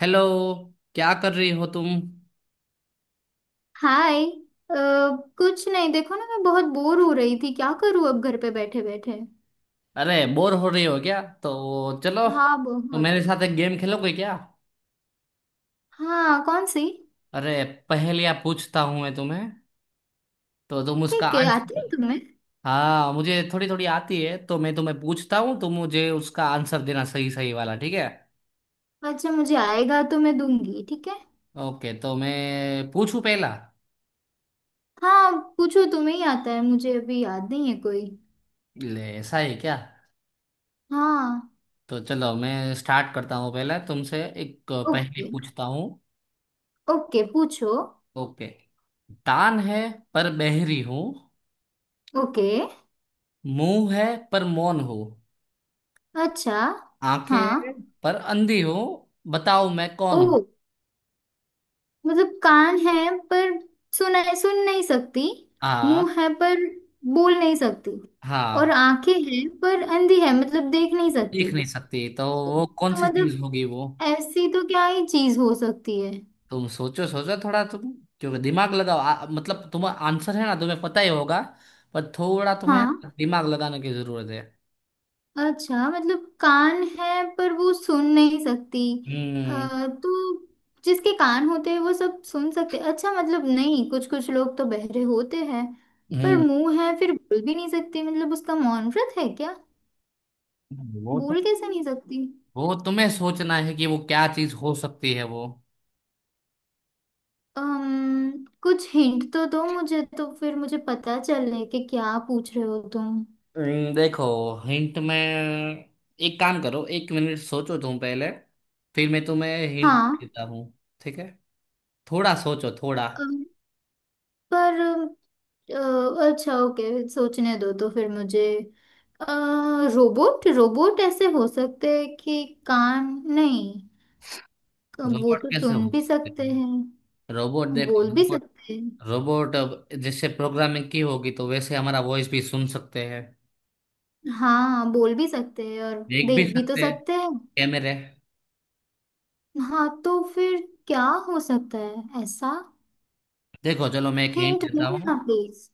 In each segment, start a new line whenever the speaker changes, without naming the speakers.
Hello. क्या कर रही हो तुम?
हाय। अ, कुछ नहीं, देखो ना, मैं बहुत बोर हो रही थी। क्या करूँ अब घर पे बैठे बैठे।
अरे बोर हो रही हो क्या? तो चलो,
हाँ,
तो
बहुत।
मेरे साथ एक गेम खेलोगे क्या?
हाँ, कौन सी?
अरे पहेलियां पूछता हूं मैं तुम्हें, तो तुम उसका
ठीक है, आती है
आंसर।
तुम्हें?
हाँ, मुझे थोड़ी थोड़ी आती है, तो मैं तुम्हें पूछता हूँ, तुम मुझे उसका आंसर देना, सही सही वाला, ठीक है?
अच्छा, मुझे आएगा तो मैं दूंगी, ठीक है।
ओके, तो मैं पूछूं पहला।
हाँ। पूछो, तुम्हें ही आता है, मुझे अभी याद नहीं है कोई।
ले, ऐसा है क्या?
हाँ।
तो चलो मैं स्टार्ट करता हूँ, पहला तुमसे एक पहेली
ओके।
पूछता हूँ।
ओके, पूछो।
ओके। दान है पर बहरी हूँ,
ओके।
मुंह है पर मौन हो,
अच्छा।
आंखें
हाँ।
हैं पर अंधी हो, बताओ मैं
ओ,
कौन हूँ।
मतलब कान है पर सुन सुन नहीं सकती।
हाँ।
मुंह है पर बोल नहीं सकती। और
हाँ।
आंखें हैं पर अंधी है, मतलब देख नहीं
देख
सकती।
नहीं सकती तो वो कौन
तो
सी चीज
मतलब,
होगी वो?
ऐसी तो क्या ही चीज हो सकती है।
तुम सोचो सोचो थोड़ा तुम, क्योंकि दिमाग लगाओ, मतलब तुम्हारा आंसर है ना, तुम्हें पता ही होगा, पर थोड़ा तुम्हें
हाँ।
दिमाग लगाने की जरूरत है।
अच्छा, मतलब कान है पर वो सुन नहीं सकती।
हम्म।
तो जिसके कान होते हैं वो सब सुन सकते। अच्छा, मतलब नहीं, कुछ कुछ लोग तो बहरे होते हैं। पर
हम्म।
मुंह है फिर बोल भी नहीं सकते, मतलब उसका मौन व्रत है क्या?
वो तो,
बोल कैसे नहीं सकती?
वो तुम्हें सोचना है कि वो क्या चीज हो सकती है वो।
कुछ हिंट तो दो मुझे, तो फिर मुझे पता चले कि क्या पूछ रहे हो तुम।
देखो, हिंट में एक काम करो, एक मिनट सोचो तुम पहले, फिर मैं तुम्हें हिंट
हाँ।
देता हूँ, ठीक है? थोड़ा सोचो थोड़ा।
अम, पर, अच्छा ओके, सोचने दो तो फिर मुझे। अ, रोबोट रोबोट ऐसे हो सकते हैं कि कान। नहीं, वो
रोबोट
तो
कैसे
सुन
हो
भी
सकते
सकते हैं,
हैं? रोबोट? देखो,
बोल भी
रोबोट,
सकते हैं।
रोबोट अब जैसे प्रोग्रामिंग की होगी तो वैसे हमारा वॉइस भी सुन सकते हैं,
हाँ, बोल भी सकते हैं और
देख भी
देख भी तो
सकते हैं,
सकते हैं।
कैमरे।
हाँ तो फिर क्या, हो सकता है ऐसा?
देखो चलो, मैं एक हिंट
हिंट दो
देता हूँ।
ना प्लीज।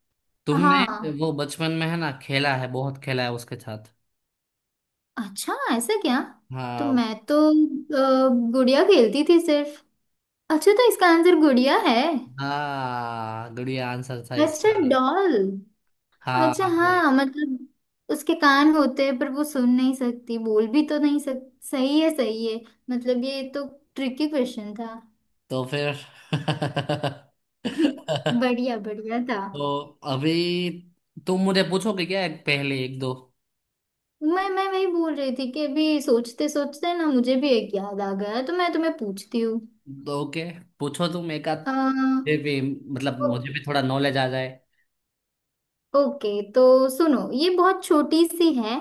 तुमने,
हाँ।
वो बचपन में है ना, खेला है, बहुत खेला है उसके साथ।
अच्छा, ऐसा क्या? तो
हाँ।
मैं तो गुड़िया खेलती थी सिर्फ। अच्छा, तो इसका आंसर गुड़िया है?
हाँ, गुड़िया आंसर था
अच्छा,
इसका।
डॉल।
हाँ।
अच्छा हाँ, मतलब उसके कान होते हैं पर वो सुन नहीं सकती, बोल भी तो नहीं सक सही है, सही है। मतलब ये तो ट्रिकी क्वेश्चन था।
तो फिर
बढ़िया, बढ़िया था।
तो अभी तुम मुझे पूछोगे क्या एक? पहले एक दो।
मैं वही बोल रही थी कि अभी सोचते सोचते ना मुझे भी एक याद आ गया, तो मैं तुम्हें पूछती हूँ।
तो ओके, पूछो तुम एक आध, फिर भी मतलब
अ,
मुझे भी थोड़ा नॉलेज आ जाए।
ओके तो सुनो, ये बहुत छोटी सी है।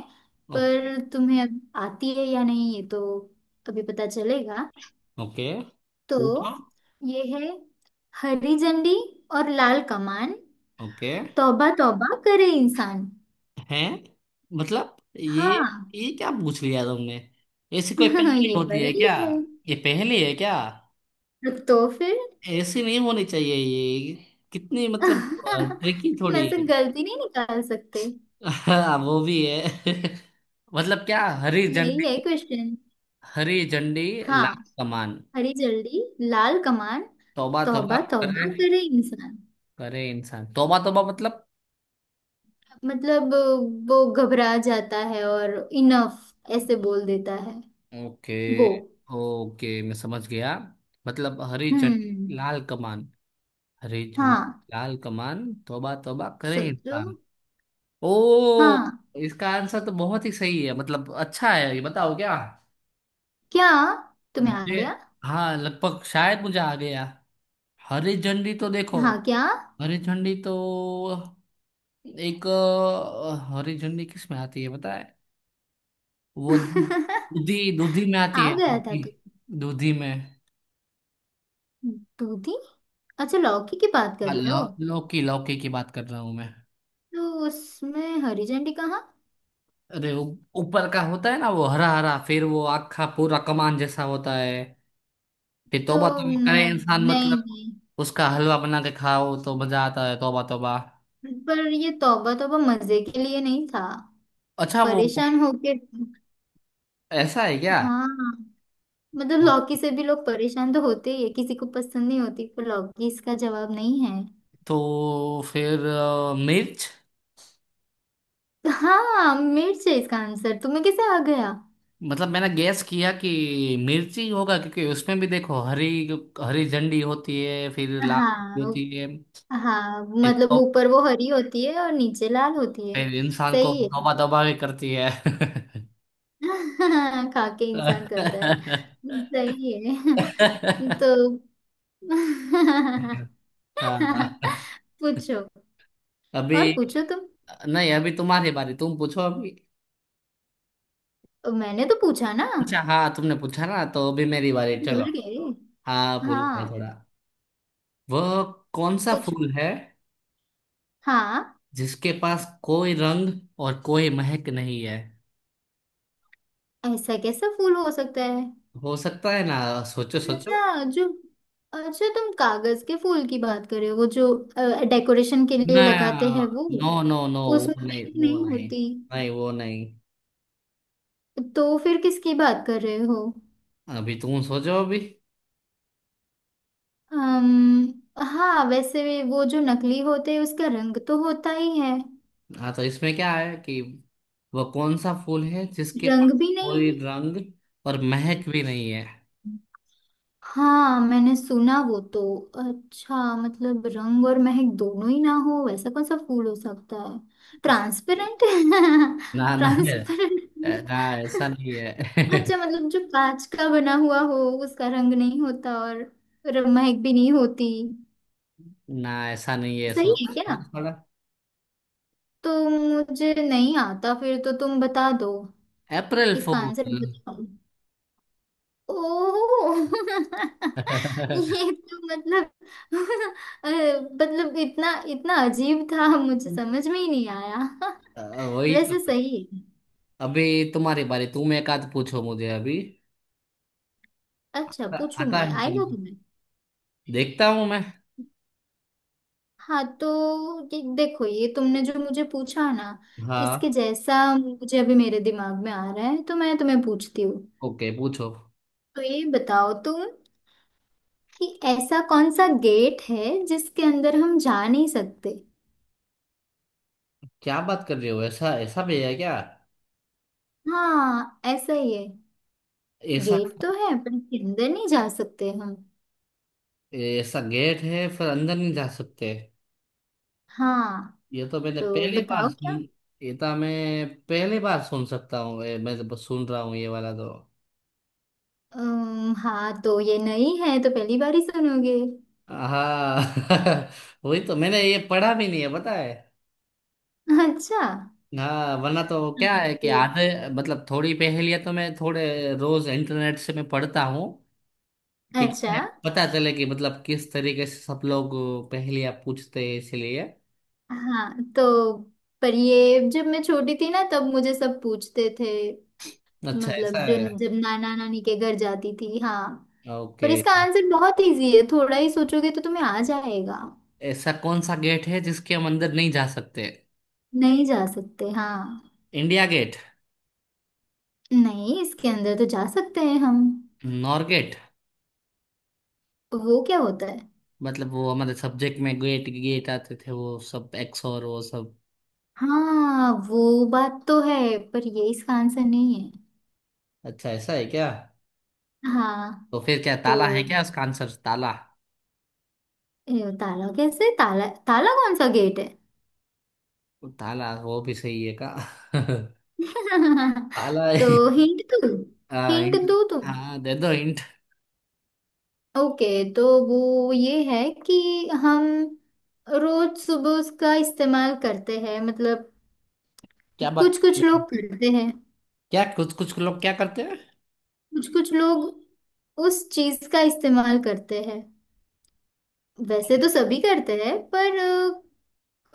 ओके।
पर तुम्हें अब आती है या नहीं ये तो अभी पता चलेगा।
ओके,
तो
पूछो।
ये है, हरी झंडी और लाल कमान,
ओके।
तौबा तौबा करे इंसान।
हैं? मतलब ये
हाँ।
ये क्या पूछ लिया तुमने? ऐसी कोई पहेली
ये
होती है
पहेली
क्या?
है।
ये पहेली है क्या?
तो फिर
ऐसी नहीं होनी चाहिए ये। कितनी मतलब ट्रिकी
मैं
थोड़ी
से
है।
गलती नहीं निकाल सकते।
हाँ वो भी है। मतलब क्या हरी
यही है
झंडी?
क्वेश्चन।
हरी झंडी?
हाँ।
लाल कमान?
हरी झंडी, लाल कमान,
तौबा तौबा
तौबा तौबा
करे,
करे इंसान।
करे इंसान, तौबा तौबा मतलब।
मतलब वो घबरा जाता है और इनफ ऐसे बोल देता है
ओके।
वो।
ओके मैं समझ गया। मतलब हरी झंडी
हम्म।
लाल कमान, हरी झंडी
हाँ।
लाल कमान तौबा तौबा करे
सोचो।
इंसान। ओ,
हाँ,
इसका आंसर तो बहुत ही सही है, मतलब अच्छा है। ये बताओ क्या।
क्या? तुम्हें आ
मुझे?
गया?
हाँ लगभग, शायद मुझे आ गया। हरी झंडी तो देखो,
हाँ, क्या?
हरी झंडी तो एक हरी झंडी किस में आती है पता है? वो दूधी, दूधी में आती
आ
है,
गया था
दूधी,
तू।
दूधी में।
दूधी। अच्छा, लौकी की बात कर
हाँ,
रहे
लौ,
हो?
लौकी, लौकी की बात कर रहा हूँ मैं।
तो उसमें हरी झंडी कहाँ?
अरे उ- ऊपर का होता है ना वो हरा हरा, फिर वो आखा पूरा कमान जैसा होता है, फिर
तो
तौबा तौबा करे
नहीं
इंसान मतलब
नहीं।
उसका हलवा बना के खाओ तो मजा आता है, तौबा तौबा।
नहीं, पर ये तौबा तौबा मजे के लिए नहीं था,
अच्छा वो
परेशान होके।
ऐसा है क्या?
हाँ, मतलब
तो,
लौकी से भी लोग परेशान तो होते ही है, किसी को पसंद नहीं होती, पर लौकी इसका जवाब नहीं है।
तो फिर मिर्च।
तो हाँ, मिर्च है इसका आंसर। तुम्हें कैसे आ गया?
मतलब मैंने गैस किया कि मिर्च ही होगा, क्योंकि उसमें भी देखो हरी, हरी झंडी होती है, फिर लाल
हाँ।
झंडी होती है,
हाँ
फिर
मतलब ऊपर वो हरी होती है और नीचे लाल होती है।
फिर इंसान को
सही है।
तौबा तौबा भी करती है।
खा के इंसान करता है। सही है। तो
हाँ।
पूछो।
अभी,
और पूछो तुम।
नहीं अभी तुम्हारी बारी, तुम पूछो अभी।
मैंने तो पूछा ना।
अच्छा हाँ, तुमने पूछा ना, तो अभी मेरी बारी, चलो।
भूल गए।
हाँ भूल गया
हाँ।
थोड़ा। वह कौन सा
पूछो।
फूल है
हाँ।
जिसके पास कोई रंग और कोई महक नहीं है?
ऐसा कैसा फूल हो सकता है?
हो सकता है ना, सोचो सोचो।
अच्छा, जो, अच्छा, तुम कागज के फूल की बात कर रहे हो? वो जो डेकोरेशन के
ना,
लिए लगाते हैं वो?
नो नो नो,
उसमें
वो नहीं
मेहंदी
वो
नहीं
नहीं।
होती।
नहीं वो नहीं।
तो फिर किसकी बात कर रहे हो?
अभी तुम सोचो अभी।
अम्म, हाँ, वैसे भी वो जो नकली होते हैं उसका रंग तो होता ही है।
हाँ, तो इसमें क्या है कि वो कौन सा फूल है जिसके
रंग
पास
भी नहीं
कोई रंग और महक भी नहीं है।
है। हाँ, मैंने सुना वो तो। अच्छा, मतलब रंग और महक दोनों ही ना हो, वैसा कौन सा फूल हो सकता है? ट्रांसपेरेंट।
ना ना,
ट्रांसपेरेंट।
ना ऐसा नहीं है।
अच्छा, मतलब जो कांच का बना हुआ हो, उसका रंग नहीं होता और महक भी नहीं होती।
ना ऐसा नहीं है,
सही है क्या?
सोचो थोड़ा।
तो मुझे नहीं आता फिर, तो तुम बता दो।
अप्रैल
इसका आंसर
फूल।
बताओ। ओह। ये तो मतलब मतलब इतना इतना अजीब था, मुझे समझ में ही नहीं आया।
वही तो।
वैसे सही है।
अभी तुम्हारी बारी, तुम एक आध पूछो मुझे अभी।
अच्छा, पूछू?
आता
मैं
है
आएगा
तुम्हें?
तुम्हें?
देखता हूँ मैं।
हाँ तो ये देखो, ये तुमने जो मुझे पूछा ना,
हाँ।
इसके जैसा मुझे अभी मेरे दिमाग में आ रहा है, तो मैं तुम्हें पूछती हूँ।
ओके, पूछो।
तो ये बताओ तुम कि ऐसा कौन सा गेट है जिसके अंदर हम जा नहीं सकते?
क्या बात कर रहे हो, ऐसा ऐसा भी है क्या?
हाँ, ऐसा ही है।
ऐसा?
गेट तो है पर इसके अंदर नहीं जा सकते हम।
ऐसा गेट है फिर अंदर नहीं जा सकते?
हाँ
ये तो मैंने
तो
पहली
बताओ
बार सुन।
क्या?
ये तो मैं पहली बार सुन सकता हूँ, ये मैं तो सुन रहा हूँ ये वाला तो।
हाँ तो ये नई है तो पहली बार ही सुनोगे।
हाँ वही तो, मैंने ये पढ़ा भी नहीं है पता है।
अच्छा।
हाँ वरना तो क्या है कि
हम्म।
आधे, मतलब थोड़ी पहेलियां तो मैं थोड़े रोज इंटरनेट से मैं पढ़ता हूँ, ठीक
अच्छा
है, पता चले कि मतलब किस तरीके से सब लोग पहेलियां पूछते हैं, इसलिए।
हाँ तो पर ये जब मैं छोटी थी ना तब मुझे सब पूछते थे।
अच्छा
मतलब
ऐसा
जो
है।
जब नाना नानी के घर जाती थी, हाँ। पर
ओके,
इसका आंसर बहुत इजी है, थोड़ा ही सोचोगे तो तुम्हें आ जाएगा।
ऐसा कौन सा गेट है जिसके हम अंदर नहीं जा सकते?
नहीं जा सकते, हाँ।
India gate?
नहीं, इसके अंदर तो जा सकते हैं हम।
नॉर गेट,
वो क्या होता है?
मतलब वो हमारे सब्जेक्ट में गेट गेट आते थे, वो सब एक्स और वो सब।
हाँ वो बात तो है पर ये इसका आंसर नहीं है।
अच्छा ऐसा है क्या?
हाँ।
तो फिर क्या,
तो
ताला है क्या, उसका आंसर ताला?
ये ताला कैसे? ताला ताला कौन सा गेट है?
वो ताला वो भी सही है का। ताला है।
तो हिंट दो।
हाँ
हिंट
hint-,
दो तुम।
हाँ, दे दो इंट।
ओके। तो वो ये है कि हम रोज सुबह उसका इस्तेमाल करते हैं, मतलब
क्या बात
कुछ
कर
कुछ
रहे
लोग
हो?
करते हैं।
क्या, कुछ कुछ लोग क्या करते हैं?
कुछ कुछ लोग उस चीज का इस्तेमाल करते हैं। वैसे तो सभी करते हैं पर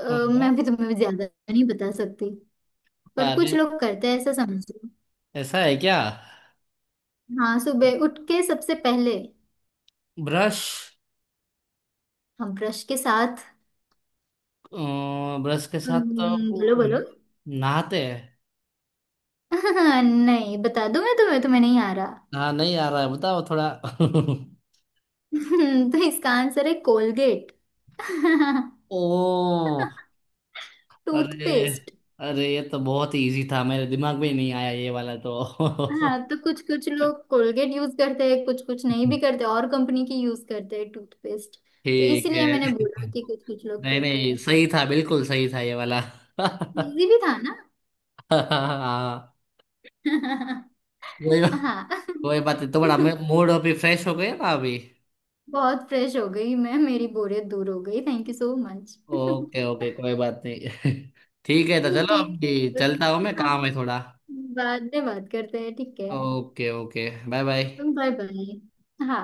अ,
ओहो।
मैं भी तुम्हें ज्यादा नहीं बता सकती, पर कुछ
अरे,
लोग करते हैं ऐसा समझो।
ऐसा है क्या?
हाँ, सुबह उठ के सबसे पहले
ब्रश?
हम ब्रश के साथ,
अ, ब्रश के साथ तो
बोलो
वो
बोलो।
नहाते हैं।
नहीं, बता दूं मैं तुम्हें, तुम्हें नहीं आ रहा।
हाँ नहीं आ रहा है, बताओ थोड़ा।
तो इसका आंसर है कोलगेट।
ओ। अरे,
टूथपेस्ट।
अरे ये तो बहुत ही इजी था, मेरे दिमाग में ही नहीं आया ये वाला तो।
हाँ, तो कुछ कुछ लोग कोलगेट यूज करते हैं, कुछ कुछ नहीं भी करते और कंपनी की यूज करते हैं टूथपेस्ट। तो
ठीक
इसीलिए मैंने
है।
बोला कि कुछ कुछ लोग
नहीं
करते
नहीं,
हैं।
सही था, बिल्कुल सही था ये वाला।
इजी भी था ना।
हाँ। कोई,
हाँ।
कोई बात नहीं, तुम्हारा मूड अभी फ्रेश हो गया ना अभी।
बहुत फ्रेश हो गई मैं, मेरी बोरियत दूर हो गई, thank you so much.
Okay okay, कोई बात नहीं। ठीक है, तो चलो
ठीक
अभी,
है।
चलता हूँ मैं,
हाँ।
काम है थोड़ा।
बाद में बात करते हैं, ठीक है।
Okay okay, bye bye.
Bye bye. हाँ।